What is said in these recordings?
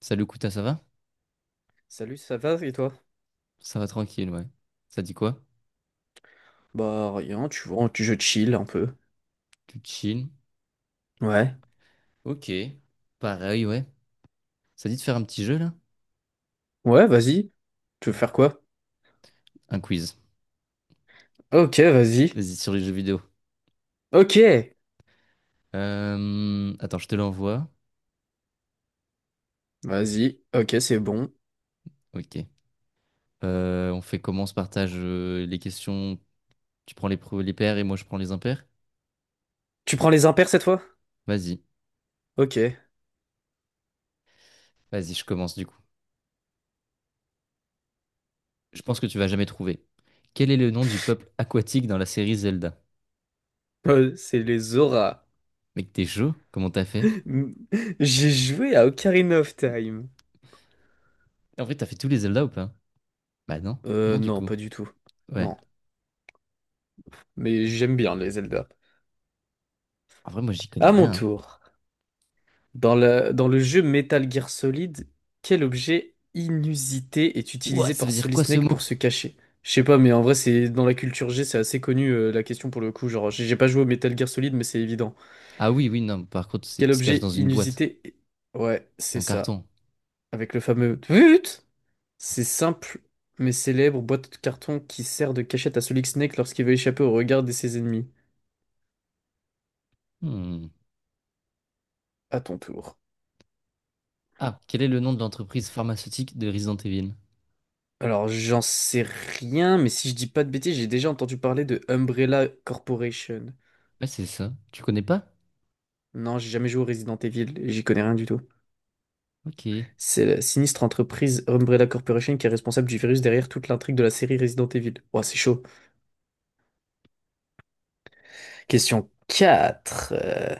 Salut Kouta, ça va? Salut, ça va et toi? Ça va tranquille, ouais. Ça dit quoi? Bah rien, tu vois, je chill un peu. Tu chill? Ouais. Ok. Pareil, ouais. Ça dit de faire un petit jeu, là? Ouais, vas-y. Tu veux faire quoi? Un quiz. Ok, vas-y. Vas-y, sur les jeux vidéo. Ok. Attends, je te l'envoie. Vas-y. Ok, c'est bon. Ok. On fait comment? On se partage les questions. Tu prends les pairs et moi je prends les impairs? Tu prends les impairs cette fois? Vas-y. Ok. Vas-y, je commence du coup. Je pense que tu vas jamais trouver. Quel est le nom du peuple aquatique dans la série Zelda? C'est les auras. Mec, t'es chaud? Comment t'as fait? J'ai joué à Ocarina of Time. En vrai, t'as fait tous les Zelda ou pas? Bah non. Non, du Non, coup. pas du tout. Ouais. Non. Mais j'aime bien les Zelda. En vrai, moi, j'y connais À mon rien, hein. tour. Dans le jeu Metal Gear Solid, quel objet inusité est Ouah, utilisé ça par veut dire Solid quoi ce Snake mot? pour se cacher? Je sais pas, mais en vrai, c'est dans la culture G, c'est assez connu la question pour le coup. Genre, j'ai pas joué au Metal Gear Solid, mais c'est évident. Ah oui, oui, non, par contre, Quel il se cache dans objet une boîte, inusité? Ouais, c'est un ça. carton. Avec le fameux Tut, c'est simple, mais célèbre boîte de carton qui sert de cachette à Solid Snake lorsqu'il veut échapper au regard de ses ennemis. Hmm. À ton tour. Ah, quel est le nom de l'entreprise pharmaceutique de Resident Evil? Alors, j'en sais rien, mais si je dis pas de bêtises, j'ai déjà entendu parler de Umbrella Corporation. Ouais, c'est ça. Tu connais pas? Non, j'ai jamais joué au Resident Evil, et j'y connais rien du tout. Ok. C'est la sinistre entreprise Umbrella Corporation qui est responsable du virus derrière toute l'intrigue de la série Resident Evil. Ouah, c'est chaud. Question 4.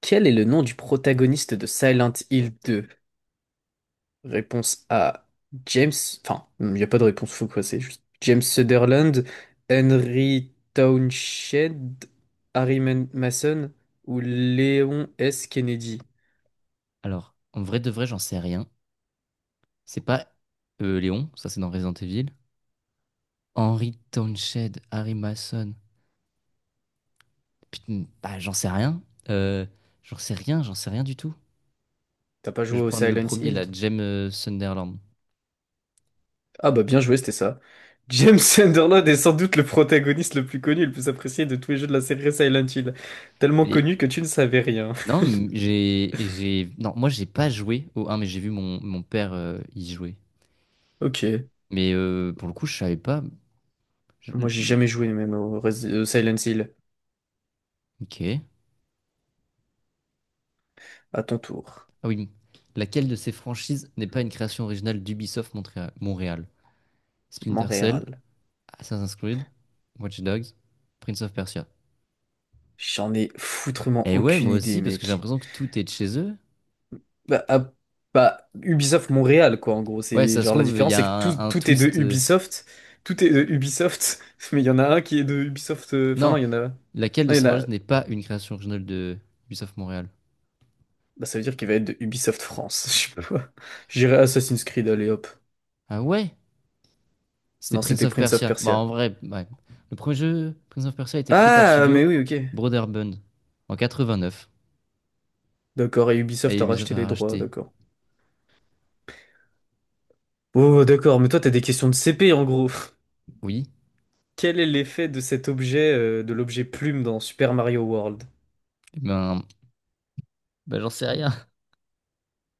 Quel est le nom du protagoniste de Silent Hill 2? Réponse A, James. Enfin, il n'y a pas de réponse, faut quoi, c'est juste James Sutherland, Henry Townshend, Mason ou Léon S. Kennedy. Alors, en vrai de vrai, j'en sais rien. C'est pas Léon, ça c'est dans Resident Evil. Henry Townsend, Harry Mason. Putain, bah, j'en sais rien. Euh, J'en sais rien, j'en sais rien du tout. T'as pas Je vais joué au prendre le Silent premier, Hill la toi? James Sunderland. Ah bah bien joué, c'était ça. James Sunderland est sans doute le protagoniste le plus connu et le plus apprécié de tous les jeux de la série Silent Hill. Tellement Mais connu que tu ne savais rien. non, non, moi j'ai pas joué au 1, mais j'ai vu mon père y jouer. Ok, Mais pour le coup, je savais pas. Je- moi le- j'ai le- jamais joué même au Silent Hill. Ok. À ton tour. Ah oui. Laquelle de ces franchises n'est pas une création originale d'Ubisoft Montréal, Montréal? Splinter Cell, Montréal. Assassin's Creed, Watch Dogs, Prince of Persia. J'en ai foutrement Eh ouais, aucune moi aussi, idée, parce que j'ai mec. l'impression que tout est de chez eux. Bah, à- bah, Ubisoft Montréal, quoi, en gros. Ouais, C'est ça se genre la trouve, il y différence, a c'est que tout, un tout est de twist. Ubisoft. Tout est de Ubisoft, mais il y en a un qui est de Ubisoft. Enfin, non, Non, il y en a. laquelle de Non, il y ces en a. franchises n'est pas une création originale de Ubisoft Montréal? Bah, ça veut dire qu'il va être de Ubisoft France. Je sais pas quoi. J'irai Assassin's Creed, allez hop. Ah ouais? C'était Non, Prince c'était of Prince of Persia. Bah, en Persia. vrai, ouais. Le premier jeu, Prince of Persia, a été créé par le Ah, mais studio oui, ok. Broderbund en 89. D'accord, et Et Ubisoft a Ubisoft racheté les a droits, racheté. d'accord. Oh, d'accord, mais toi, t'as des questions de CP, en gros. Oui. Quel est l'effet de cet objet, de l'objet plume dans Super Mario World? Eh ben, j'en sais rien.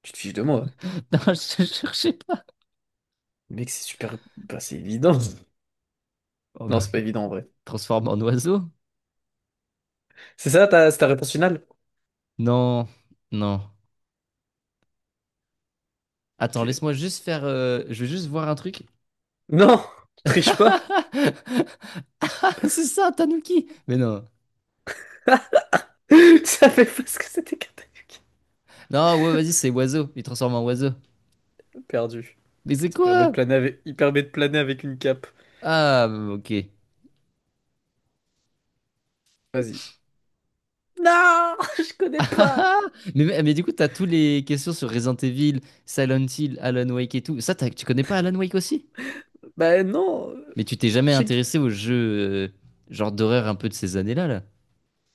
Tu te fiches de moi. Non, je ne cherchais pas. Mec, c'est super. Bah, c'est évident. Oh, Non, bah, c'est pas il évident en vrai. transforme en oiseau? C'est ta réponse finale? Non, non. Ok. Attends, laisse-moi juste faire. Je veux juste voir un truc. Non! Tu triches pas! C'est ça, Tanuki! Mais non. Tu savais pas ce que c'était qu'un tanuki. Non, ouais, vas-y, c'est oiseau. Il transforme en oiseau. Perdu. Mais c'est Ça permet de quoi? planer avec... Il permet de planer avec une cape. Ah, ok. Vas-y. Non! Je connais pas! Ah, mais du coup, t'as tous les questions sur Resident Evil, Silent Hill, Alan Wake et tout. Ça, tu connais pas Alan Wake aussi? Bah non! Mais tu t'es jamais Je sais qui- intéressé aux jeux genre d'horreur un peu de ces années-là, là.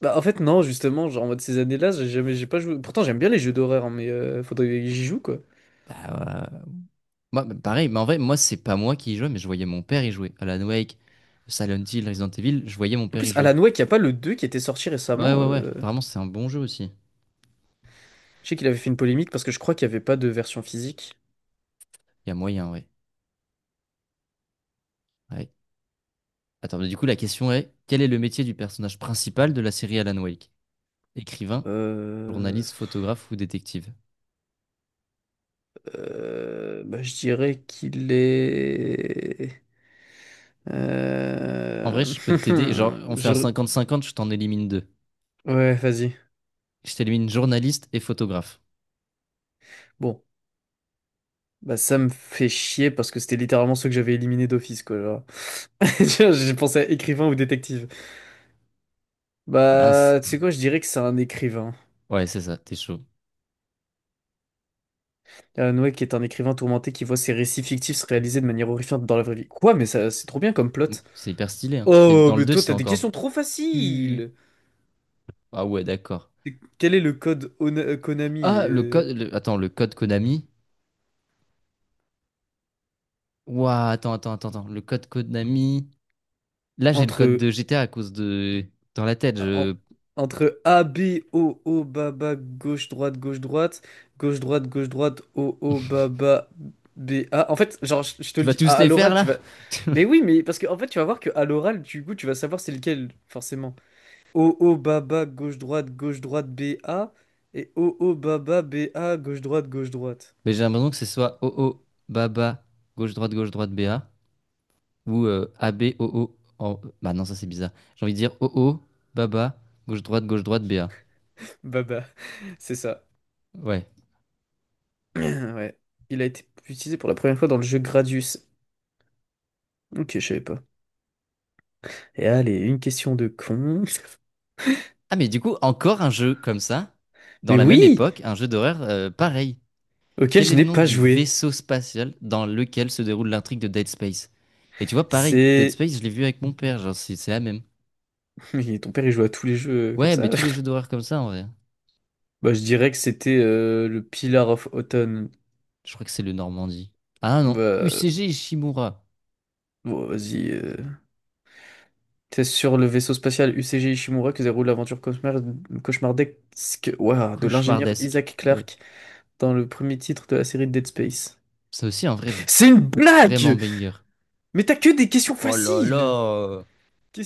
Bah en fait, non, justement, genre en mode ces années-là, j'ai jamais... j'ai pas joué. Pourtant, j'aime bien les jeux d'horreur, hein, mais faudrait que j'y joue quoi. Bah, ouais. Moi, bah, pareil, mais en vrai, moi, c'est pas moi qui y jouais, mais je voyais mon père y jouer. Alan Wake, Silent Hill, Resident Evil, je voyais mon En père y plus, jouer. Alan Wake, y a pas le 2 qui était sorti Ouais, récemment. ouais, ouais. Apparemment, c'est un bon jeu aussi. Je sais qu'il avait fait une polémique parce que je crois qu'il y avait pas de version physique. Il y a moyen, ouais. Ouais. Attends, mais du coup, la question est, quel est le métier du personnage principal de la série Alan Wake? Écrivain, Euh, journaliste, photographe ou détective? Bah, je dirais qu'il est. En vrai, Euh, je peux t'aider. Genre, on fait un je- 50-50, je t'en élimine deux. Ouais, vas-y. Je t'élimine journaliste et photographe. Bon, bah ça me fait chier parce que c'était littéralement ceux que j'avais éliminés d'office, quoi. Tiens, j'ai pensé à écrivain ou détective. Mince. Bah, tu sais quoi, je dirais que c'est un écrivain. Ouais, c'est ça, t'es chaud. Alan Wake est un écrivain tourmenté qui voit ses récits fictifs se réaliser de manière horrifiante dans la vraie vie. Quoi, mais ça, c'est trop bien comme plot. C'est hyper stylé, hein. Et Oh, dans le mais 2, toi, c'est t'as des encore questions trop plus. faciles! Ah ouais, d'accord. Quel est le code Konami? Ah, le code, attends, le code Konami. Ouah, attends, attends, attends, attends. Le code Konami. Là, j'ai le code entre, de GTA à cause de. Dans la tête, en- je. entre A, B, O, O, bas, bas, gauche, droite, gauche, droite, gauche, droite, gauche, droite, O, O, bas, bas, B, A. En fait, genre, je te Tu le vas dis, tous à les faire, l'oral, tu là? vas. Mais oui, mais parce que en fait, tu vas voir que à l'oral, du coup, tu vas savoir c'est lequel, forcément. O, O, bas, bas, gauche, droite, B, A. Et O, O, bas, bas, B, A, gauche, droite, gauche, droite. Mais j'ai l'impression que ce soit OO, Baba, gauche-droite, gauche-droite, BA. Ou AB, OO. Bah non, ça c'est bizarre. J'ai envie de dire OO, Baba, gauche-droite, gauche-droite, BA. Baba, c'est ça. Ouais. Ouais. Il a été utilisé pour la première fois dans le jeu Gradius. Ok, je savais pas. Et allez, une question de con. Ah, mais du coup, encore un jeu comme ça, dans Mais la même oui! époque, un jeu d'horreur pareil. Auquel Quel je est le n'ai nom pas du joué. vaisseau spatial dans lequel se déroule l'intrigue de Dead Space? Et tu vois, pareil, Dead C'est... Space, je l'ai vu avec mon père, genre c'est la même. Mais ton père, il joue à tous les jeux comme Ouais, mais ça? tous les jeux d'horreur comme ça en vrai. Bah, je dirais que c'était le Pillar of Autumn. Je crois que c'est le Normandie. Ah non, Bah, UCG Ishimura. bon, vas-y. C'est sur le vaisseau spatial UCG Ishimura que déroule l'aventure cauchemardesque ouah, de l'ingénieur Cauchemardesque. Isaac Ouais. Clarke dans le premier titre de la série Dead Space. Ça aussi, un vrai, C'est une vraiment blague! banger. Mais t'as que des questions Oh là faciles! là!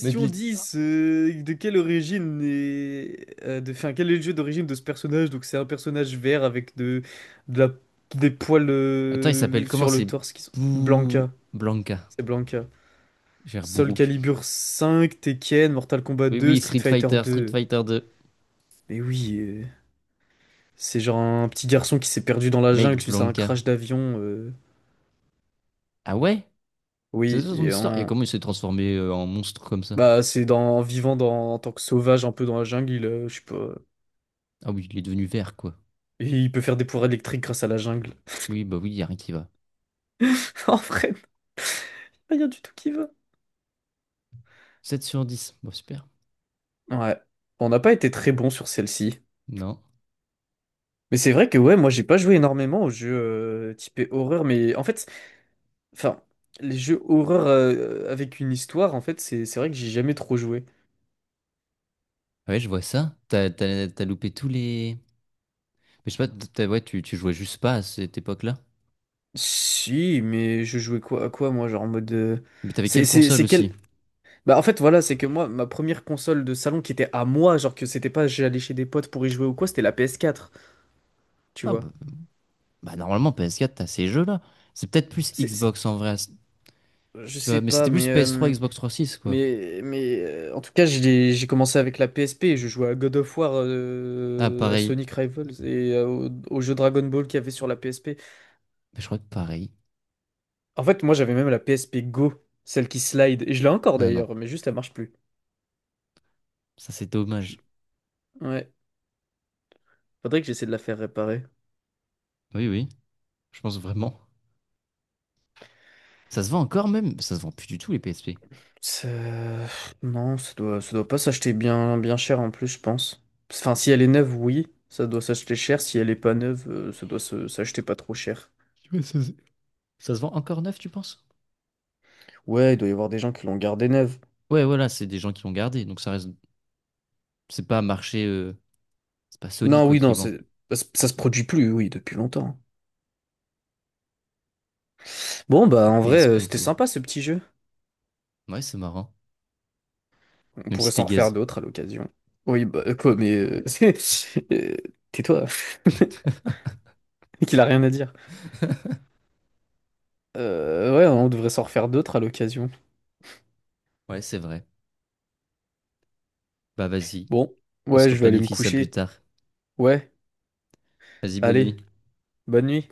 Mais de l'é- 10. De quelle origine est, enfin, quel est le jeu d'origine de ce personnage? Donc c'est un personnage vert avec de, de la- des poils Attends, il s'appelle comment? sur le C'est torse qui sont... Blanca, Blanca. c'est Blanca. J'ai l'air Soul bourrouk. Calibur 5, Tekken, Mortal Kombat Oui, 2, oui, Street Street Fighter Fighter, Street 2. Fighter 2. Mais oui, c'est genre un petit garçon qui s'est perdu dans la Mec, jungle suite à un Blanca. crash d'avion. Ah ouais? C'est Oui, ça son et histoire? Et en... comment il s'est transformé en monstre comme ça? Bah c'est dans, en vivant dans, en tant que sauvage un peu dans la jungle, il, je sais pas... Ah oui, il est devenu vert, quoi. Et il peut faire des pouvoirs électriques grâce à la jungle. Oui, bah oui, y a rien qui va. En vrai, non. Y a rien du tout qui va. 7 sur 10. Bon, super. Ouais. Bon, on n'a pas été très bon sur celle-ci. Non. Mais c'est vrai que ouais, moi j'ai pas joué énormément aux jeux typés horreur, mais en fait, enfin, les jeux horreur avec une histoire, en fait, c'est vrai que j'ai jamais trop joué. Ah ouais, je vois ça. T'as loupé tous les. Mais je sais pas, ouais, tu jouais juste pas à cette époque-là. Si, mais je jouais quoi à quoi moi, genre en mode Mais t'avais quelle console c'est quel aussi? Bah en fait voilà, c'est que moi ma première console de salon qui était à moi, genre que c'était pas j'allais chez des potes pour y jouer ou quoi, c'était la PS4, tu Ah vois. bah, normalement, PS4, t'as ces jeux-là. C'est peut-être plus C'est c'est- Xbox en vrai. je Tu vois, sais mais pas c'était plus mais PS3, Xbox 360, quoi. En tout cas, j'ai commencé avec la PSP. Je jouais à God of War, Ah, à pareil. Sonic Rivals et au jeu Dragon Ball qu'il y avait sur la PSP. Mais je crois que pareil. En fait, moi, j'avais même la PSP Go, celle qui slide. Et je l'ai encore Ah non, d'ailleurs, mais juste elle marche plus. ça c'est Je suis- dommage. Ouais, faudrait que j'essaie de la faire réparer. Oui, oui, je pense vraiment. Ça se vend encore même? Ça se vend plus du tout les PSP. Ça- Non, ça doit pas s'acheter bien, bien cher en plus, je pense. Enfin, si elle est neuve, oui, ça doit s'acheter cher. Si elle est pas neuve, ça doit s'acheter pas trop cher. Ouais, ça, c'est- Ça se vend encore neuf, tu penses? Ouais, il doit y avoir des gens qui l'ont gardée neuve. Ouais, voilà, c'est des gens qui l'ont gardé, donc ça reste. C'est pas marché. C'est pas Sony, Non, quoi, oui, qui non, vend. c'est- ça se produit plus, oui, depuis longtemps. Bon, bah, La en vrai, PSP c'était Go. sympa ce petit jeu. Ouais, c'est marrant. On Même pourrait si t'es s'en refaire gaze. d'autres à l'occasion. Oui, bah, euh, Tais-toi. Qu'il a rien à dire. Ouais, on devrait s'en refaire d'autres à l'occasion. Ouais, c'est vrai. Bah, vas-y, Bon, on ouais, se je vais aller me replanifie ça plus coucher. tard. Ouais, Vas-y, bonne allez, nuit. bonne nuit.